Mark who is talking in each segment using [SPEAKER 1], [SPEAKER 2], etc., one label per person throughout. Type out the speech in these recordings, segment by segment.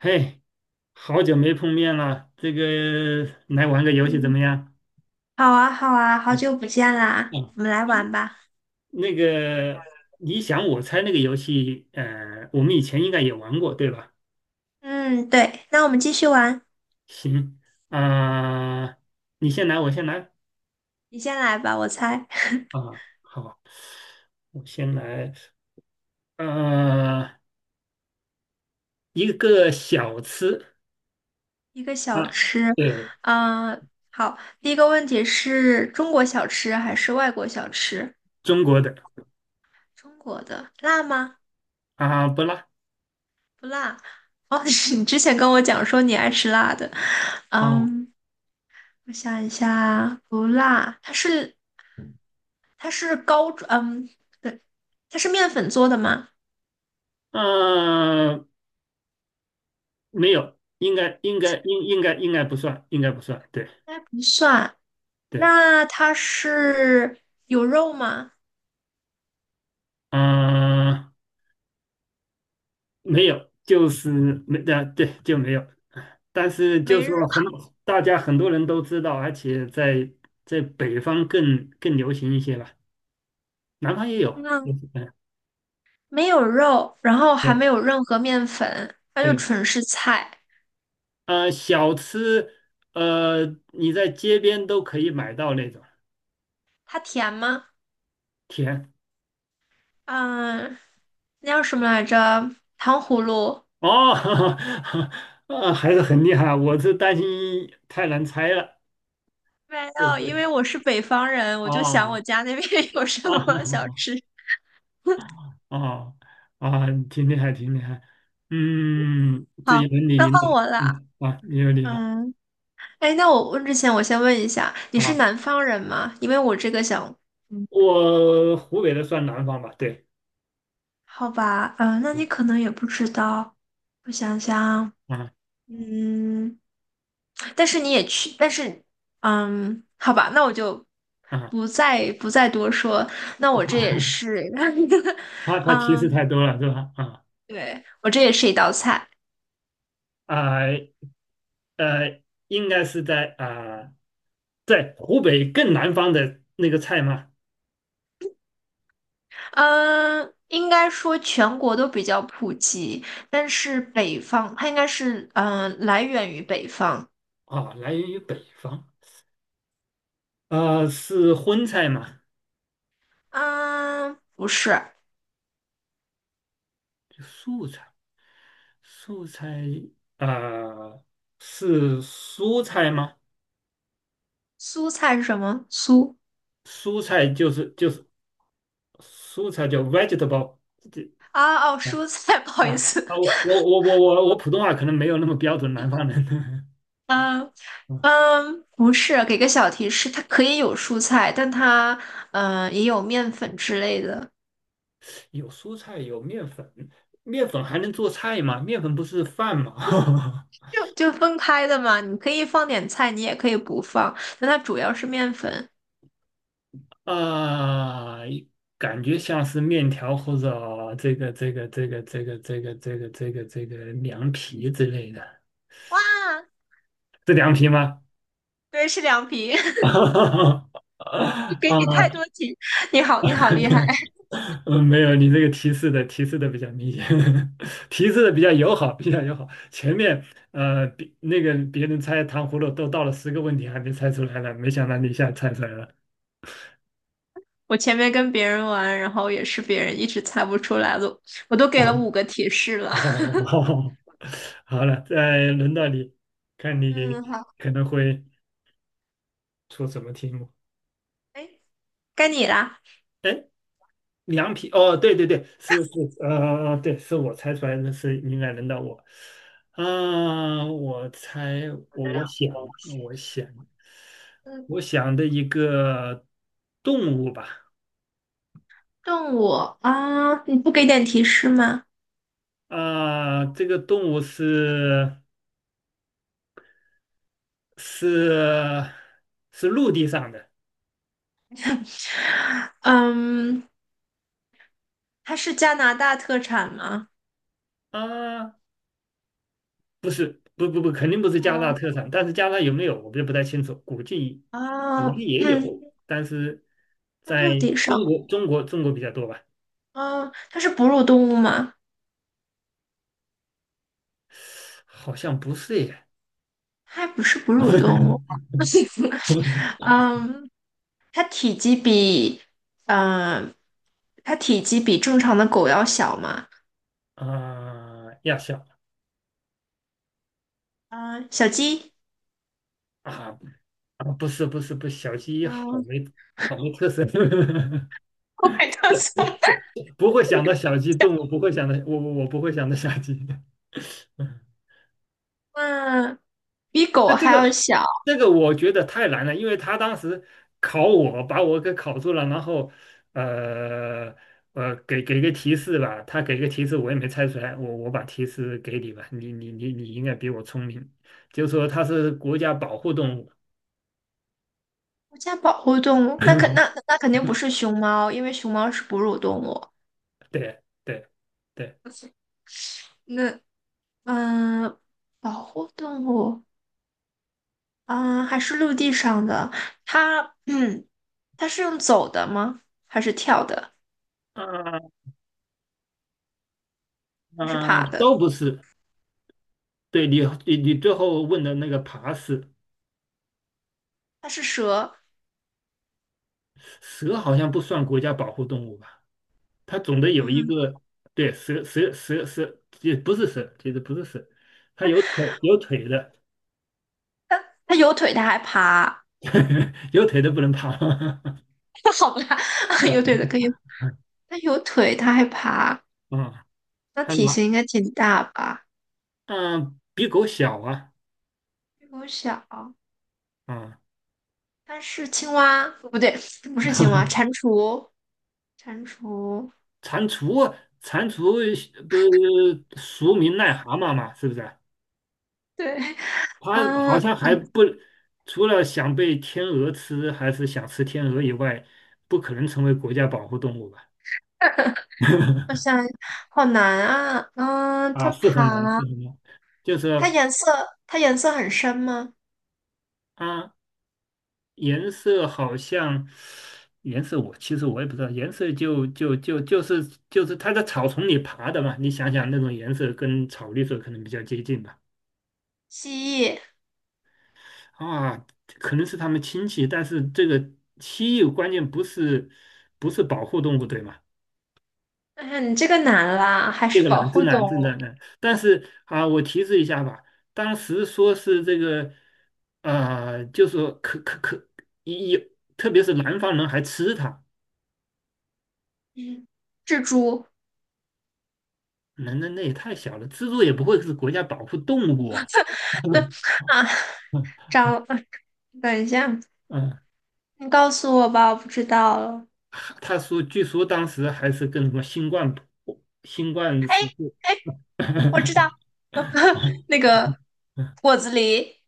[SPEAKER 1] 嘿，好久没碰面了，这个来玩个游戏怎
[SPEAKER 2] 嗯，
[SPEAKER 1] 么样？
[SPEAKER 2] 好啊，好啊，好
[SPEAKER 1] 嗯
[SPEAKER 2] 久不见啦，
[SPEAKER 1] 嗯，
[SPEAKER 2] 我们来玩吧。
[SPEAKER 1] 那个你想我猜那个游戏，我们以前应该也玩过，对吧？
[SPEAKER 2] 嗯，对，那我们继续玩，
[SPEAKER 1] 行啊，你先来，我先来
[SPEAKER 2] 你先来吧，我猜
[SPEAKER 1] 啊，好，我先来，呃，一个小吃
[SPEAKER 2] 一个小
[SPEAKER 1] 啊，
[SPEAKER 2] 吃。
[SPEAKER 1] 对，
[SPEAKER 2] 嗯，好，第一个问题是中国小吃还是外国小吃？
[SPEAKER 1] 中国的
[SPEAKER 2] 中国的辣吗？
[SPEAKER 1] 啊，不辣，
[SPEAKER 2] 不辣。哦，是你之前跟我讲说你爱吃辣的。
[SPEAKER 1] 哦，
[SPEAKER 2] 嗯，我想一下，不辣，它是它是高，嗯，对，它是面粉做的吗？
[SPEAKER 1] 啊，没有，应该不算，应该不算，对。
[SPEAKER 2] 应该不算。
[SPEAKER 1] 对，
[SPEAKER 2] 那它是有肉吗？
[SPEAKER 1] 嗯，没有，就是没，对，对，就没有。但是就
[SPEAKER 2] 没肉，
[SPEAKER 1] 说很，大家很多人都知道，而且在北方更流行一些吧，南方也有。就
[SPEAKER 2] 嗯，
[SPEAKER 1] 是
[SPEAKER 2] 没有肉，然后还
[SPEAKER 1] 对
[SPEAKER 2] 没有任何面粉，它就
[SPEAKER 1] 对，
[SPEAKER 2] 纯是菜。
[SPEAKER 1] 小吃，呃，你在街边都可以买到那种
[SPEAKER 2] 它甜吗？
[SPEAKER 1] 甜。
[SPEAKER 2] 嗯，那叫什么来着？糖葫芦。
[SPEAKER 1] 哦，还是很厉害，我是担心太难猜了。
[SPEAKER 2] 没
[SPEAKER 1] 对
[SPEAKER 2] 有，因
[SPEAKER 1] 对，
[SPEAKER 2] 为我是北方人，我就想我
[SPEAKER 1] 哦
[SPEAKER 2] 家那边 有什么小
[SPEAKER 1] 哦。
[SPEAKER 2] 吃。
[SPEAKER 1] 啊啊，挺厉害，挺厉害。嗯，这
[SPEAKER 2] 好，
[SPEAKER 1] 一轮你
[SPEAKER 2] 那
[SPEAKER 1] 赢
[SPEAKER 2] 换
[SPEAKER 1] 了，
[SPEAKER 2] 我了。
[SPEAKER 1] 嗯啊，你有理了
[SPEAKER 2] 嗯，哎，那我问之前，我先问一下，你是
[SPEAKER 1] 啊。
[SPEAKER 2] 南方人吗？因为我这个想，嗯，
[SPEAKER 1] 我湖北的算南方吧，对，
[SPEAKER 2] 好吧，嗯，那你
[SPEAKER 1] 嗯
[SPEAKER 2] 可能也不知道，我想想。
[SPEAKER 1] 啊
[SPEAKER 2] 嗯，但是你也去，但是，嗯，好吧，那我就
[SPEAKER 1] 啊，
[SPEAKER 2] 不再多说。那我这也 是，
[SPEAKER 1] 怕 他提示
[SPEAKER 2] 嗯，
[SPEAKER 1] 太多了是吧？啊
[SPEAKER 2] 对，我这也是一道菜。
[SPEAKER 1] 啊呃，应该是在湖北更南方的那个菜吗？
[SPEAKER 2] 嗯，应该说全国都比较普及，但是北方它应该是来源于北方。
[SPEAKER 1] 啊，来源于北方，啊，是荤菜吗？
[SPEAKER 2] 嗯，不是，
[SPEAKER 1] 就素菜，素菜啊、是蔬菜吗？
[SPEAKER 2] 苏菜是什么？苏
[SPEAKER 1] 蔬菜就是蔬菜叫 vegetable，这
[SPEAKER 2] 啊哦，蔬菜，不好
[SPEAKER 1] 啊
[SPEAKER 2] 意思。
[SPEAKER 1] 我普通话可能没有那么标准，南方人。
[SPEAKER 2] 嗯。
[SPEAKER 1] 嗯
[SPEAKER 2] 嗯，不是，给个小提示，它可以有蔬菜，但它也有面粉之类的，
[SPEAKER 1] 有蔬菜，有面粉，面粉还能做菜吗？面粉不是饭吗？
[SPEAKER 2] 就分开的嘛。你可以放点菜，你也可以不放，但它主要是面粉。
[SPEAKER 1] 啊，感觉像是面条或者这个凉皮之类的，
[SPEAKER 2] 哇，
[SPEAKER 1] 是凉皮吗？
[SPEAKER 2] 对，是凉皮。给你太
[SPEAKER 1] 啊
[SPEAKER 2] 多题，你好，你好厉害！
[SPEAKER 1] 嗯，没有，你这个提示的比较明显，提示的比较友好，比较友好。前面别那个别人猜糖葫芦都到了10个问题还没猜出来呢，没想到你一下猜出来了。
[SPEAKER 2] 我前面跟别人玩，然后也是别人一直猜不出来了，我都给了五 个提示了。
[SPEAKER 1] 哦，好了，再轮到你，看你
[SPEAKER 2] 嗯，好，
[SPEAKER 1] 可能会出什么题目。
[SPEAKER 2] 哎，该你啦。
[SPEAKER 1] 哎凉皮哦，对对对，是是，对，是我猜出来的是应该轮到我，啊、我猜我我想我想
[SPEAKER 2] 嗯，
[SPEAKER 1] 我想的一个动物吧，
[SPEAKER 2] 动物啊，你不给点提示吗？
[SPEAKER 1] 这个动物是是陆地上的
[SPEAKER 2] 嗯，它是加拿大特产吗？
[SPEAKER 1] 啊、不是不不不，肯定不是加拿大
[SPEAKER 2] 哦
[SPEAKER 1] 特产，但是加拿大有没有我就不太清楚，估
[SPEAKER 2] 啊，
[SPEAKER 1] 计也
[SPEAKER 2] 嗯，
[SPEAKER 1] 有，但是
[SPEAKER 2] 在
[SPEAKER 1] 在
[SPEAKER 2] 陆地上，
[SPEAKER 1] 中国比较多吧。
[SPEAKER 2] 啊，它是哺乳动物吗？
[SPEAKER 1] 好像不是耶。
[SPEAKER 2] 它不是哺乳动物，嗯，它体积比，嗯、呃它体积比正常的狗要小吗？
[SPEAKER 1] 啊、亚小
[SPEAKER 2] 嗯、小鸡，
[SPEAKER 1] 啊啊，不是不是不是小鸡
[SPEAKER 2] 嗯，
[SPEAKER 1] 好没特色，
[SPEAKER 2] 我没告诉
[SPEAKER 1] 不会想到小鸡动物，不会想到我我我不会想到小鸡
[SPEAKER 2] 嗯，比狗
[SPEAKER 1] 那这
[SPEAKER 2] 还
[SPEAKER 1] 个
[SPEAKER 2] 要小，
[SPEAKER 1] 这个我觉得太难了，因为他当时考我，把我给考住了，然后呃给个提示吧，他给个提示我也没猜出来，我把提示给你吧，你应该比我聪明，就说它是国家保护动物。
[SPEAKER 2] 国家保护动物，那肯定不是熊猫，因为熊猫是哺乳动物。
[SPEAKER 1] 对对对，
[SPEAKER 2] 那嗯，保护动物啊，还是陆地上的？它，嗯，它是用走的吗？还是跳的？
[SPEAKER 1] 啊、啊、
[SPEAKER 2] 还是爬的？
[SPEAKER 1] 都不是。对你最后问的那个爬是
[SPEAKER 2] 它是蛇，
[SPEAKER 1] 蛇好像不算国家保护动物吧？它总得有一
[SPEAKER 2] 嗯，
[SPEAKER 1] 个，对，蛇，也不是蛇，其实不是蛇，它有腿的，
[SPEAKER 2] 它有腿，它还爬，
[SPEAKER 1] 有腿的不能爬。
[SPEAKER 2] 它好吧，
[SPEAKER 1] 哦
[SPEAKER 2] 有腿的可以，它有腿，它还爬，
[SPEAKER 1] 嗯，
[SPEAKER 2] 那
[SPEAKER 1] 它
[SPEAKER 2] 体
[SPEAKER 1] 哪？
[SPEAKER 2] 型应该挺大吧？
[SPEAKER 1] 嗯，比狗小啊，
[SPEAKER 2] 比我小，
[SPEAKER 1] 啊，
[SPEAKER 2] 它是青蛙，不对，不是青蛙，蟾 蜍，蟾蜍，
[SPEAKER 1] 蟾蜍，蟾蜍不是俗名癞蛤蟆嘛，是不是啊？
[SPEAKER 2] 对，
[SPEAKER 1] 它好
[SPEAKER 2] 嗯，
[SPEAKER 1] 像还不，除了想被天鹅吃，还是想吃天鹅以外，不可能成为国家保护动物吧？
[SPEAKER 2] 我想，好难啊，嗯，
[SPEAKER 1] 啊，
[SPEAKER 2] 它
[SPEAKER 1] 是很难，
[SPEAKER 2] 爬。
[SPEAKER 1] 是很难。就
[SPEAKER 2] 它
[SPEAKER 1] 是
[SPEAKER 2] 颜色它颜色很深吗？
[SPEAKER 1] 啊，颜色好像，颜色我其实我也不知道，颜色就是它在草丛里爬的嘛。你想想那种颜色跟草绿色可能比较接近吧？
[SPEAKER 2] 蜥蜴、
[SPEAKER 1] 啊，可能是它们亲戚，但是这个蜥蜴关键不是保护动物，对吗？
[SPEAKER 2] 哎呀，你这个难啦，还
[SPEAKER 1] 这
[SPEAKER 2] 是
[SPEAKER 1] 个
[SPEAKER 2] 保
[SPEAKER 1] 难，真
[SPEAKER 2] 护动
[SPEAKER 1] 难，真
[SPEAKER 2] 物。
[SPEAKER 1] 难难。但是啊，我提示一下吧，当时说是这个，就说可可可，有，特别是南方人还吃它，
[SPEAKER 2] 嗯，蜘蛛
[SPEAKER 1] 那也太小了，蜘蛛也不会是国家保护动物啊。
[SPEAKER 2] 那
[SPEAKER 1] 嗯
[SPEAKER 2] 啊，
[SPEAKER 1] 嗯，
[SPEAKER 2] 蟑螂，等一下，
[SPEAKER 1] 嗯
[SPEAKER 2] 你告诉我吧，我不知道了。
[SPEAKER 1] 他说，据说当时还是跟什么新冠
[SPEAKER 2] 哎
[SPEAKER 1] 时候
[SPEAKER 2] 哎，我知道 那 个果子狸，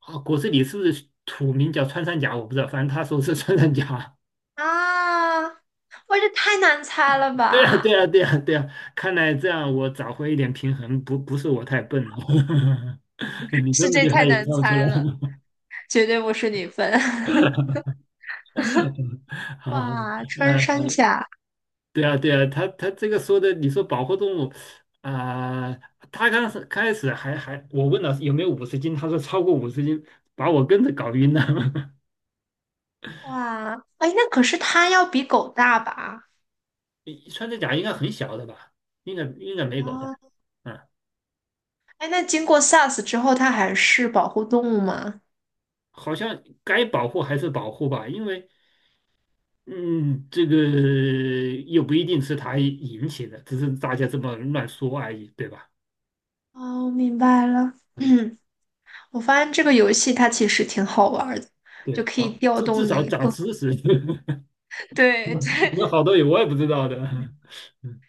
[SPEAKER 1] 啊，果子狸是不是土名叫穿山甲？我不知道，反正他说是穿山甲。
[SPEAKER 2] 啊，我这太难猜了
[SPEAKER 1] 对啊，对
[SPEAKER 2] 吧？
[SPEAKER 1] 啊，对啊，对啊，看来这样我找回一点平衡，不不是我太笨了，你这
[SPEAKER 2] 是
[SPEAKER 1] 么
[SPEAKER 2] 这
[SPEAKER 1] 厉害
[SPEAKER 2] 太
[SPEAKER 1] 也
[SPEAKER 2] 难
[SPEAKER 1] 看不出
[SPEAKER 2] 猜
[SPEAKER 1] 来。
[SPEAKER 2] 了，绝对不是你分。
[SPEAKER 1] 好，好
[SPEAKER 2] 哇，穿山
[SPEAKER 1] 呃，
[SPEAKER 2] 甲，
[SPEAKER 1] 对啊，对啊，他这个说的，你说保护动物啊、他刚是开始还，我问了有没有五十斤，他说超过五十斤，把我跟着搞晕了。
[SPEAKER 2] 哇，哎，那可是它要比狗大吧？
[SPEAKER 1] 你穿着甲应该很小的吧？应该没狗大，
[SPEAKER 2] 啊，
[SPEAKER 1] 嗯，
[SPEAKER 2] 哎，那经过 SARS 之后，它还是保护动物吗？
[SPEAKER 1] 好像该保护还是保护吧，因为嗯，这个又不一定是他引起的，只是大家这么乱说而已，对吧？
[SPEAKER 2] 哦，明白了。
[SPEAKER 1] 嗯，
[SPEAKER 2] 嗯，我发现这个游戏它其实挺好玩儿的，就
[SPEAKER 1] 对，
[SPEAKER 2] 可以调
[SPEAKER 1] 至
[SPEAKER 2] 动
[SPEAKER 1] 少
[SPEAKER 2] 你
[SPEAKER 1] 长
[SPEAKER 2] 各。
[SPEAKER 1] 知识，
[SPEAKER 2] 对
[SPEAKER 1] 有
[SPEAKER 2] 对，
[SPEAKER 1] 好多也我也不知道的。嗯，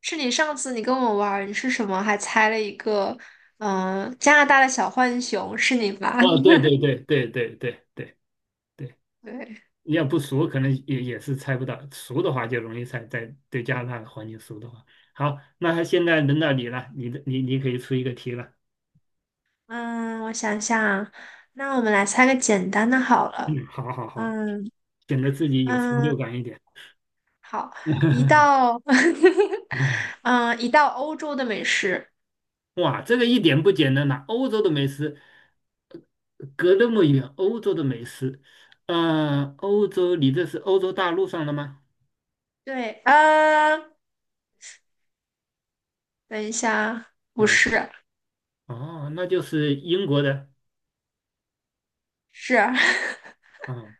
[SPEAKER 2] 是你上次你跟我玩儿，你是什么？还猜了一个，嗯、加拿大的小浣熊，是你吧？
[SPEAKER 1] 哦，对对 对对对对对对，
[SPEAKER 2] 对，
[SPEAKER 1] 你要不熟，可能也是猜不到；熟的话就容易猜，在对加拿大的环境熟的话。好，那现在轮到你了，你的你你可以出一个题了。
[SPEAKER 2] 嗯，我想想啊，那我们来猜个简单的好了。
[SPEAKER 1] 嗯，好好好，
[SPEAKER 2] 嗯
[SPEAKER 1] 显得自己有成就
[SPEAKER 2] 嗯，
[SPEAKER 1] 感一点。
[SPEAKER 2] 好，一 道，嗯，一道欧洲的美食。
[SPEAKER 1] 哇，这个一点不简单呐、欧洲的美食隔那么远，欧洲的美食，嗯，欧洲，你这是欧洲大陆上的吗？
[SPEAKER 2] 对，呃，等一下，不
[SPEAKER 1] 嗯，
[SPEAKER 2] 是，
[SPEAKER 1] 哦，那就是英国的
[SPEAKER 2] 是
[SPEAKER 1] 啊、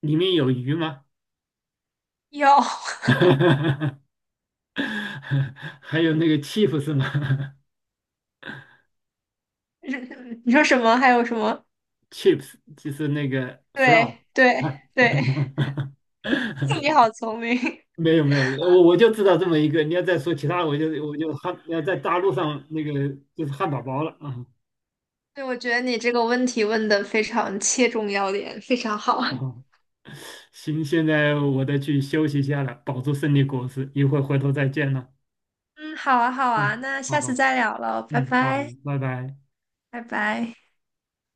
[SPEAKER 1] 里面有鱼吗？
[SPEAKER 2] 有，
[SPEAKER 1] 还有那个 chips 是吗
[SPEAKER 2] 你说什么？还有什么？
[SPEAKER 1] ？chips 就是那个 fry。
[SPEAKER 2] 对对对，你 好聪明。
[SPEAKER 1] 没有没有，我就知道这么一个。你要再说其他，我就要在大陆上那个就是汉堡包了啊。
[SPEAKER 2] 对，我觉得你这个问题问的非常切中要点，非常好。
[SPEAKER 1] 哦，行，现在我得去休息一下了，保住胜利果实，一会儿回头再见了。
[SPEAKER 2] 嗯，好啊，好啊，
[SPEAKER 1] 嗯，
[SPEAKER 2] 那
[SPEAKER 1] 好
[SPEAKER 2] 下次
[SPEAKER 1] 好，
[SPEAKER 2] 再聊了，拜
[SPEAKER 1] 嗯，好
[SPEAKER 2] 拜，
[SPEAKER 1] 好，拜拜。
[SPEAKER 2] 拜拜。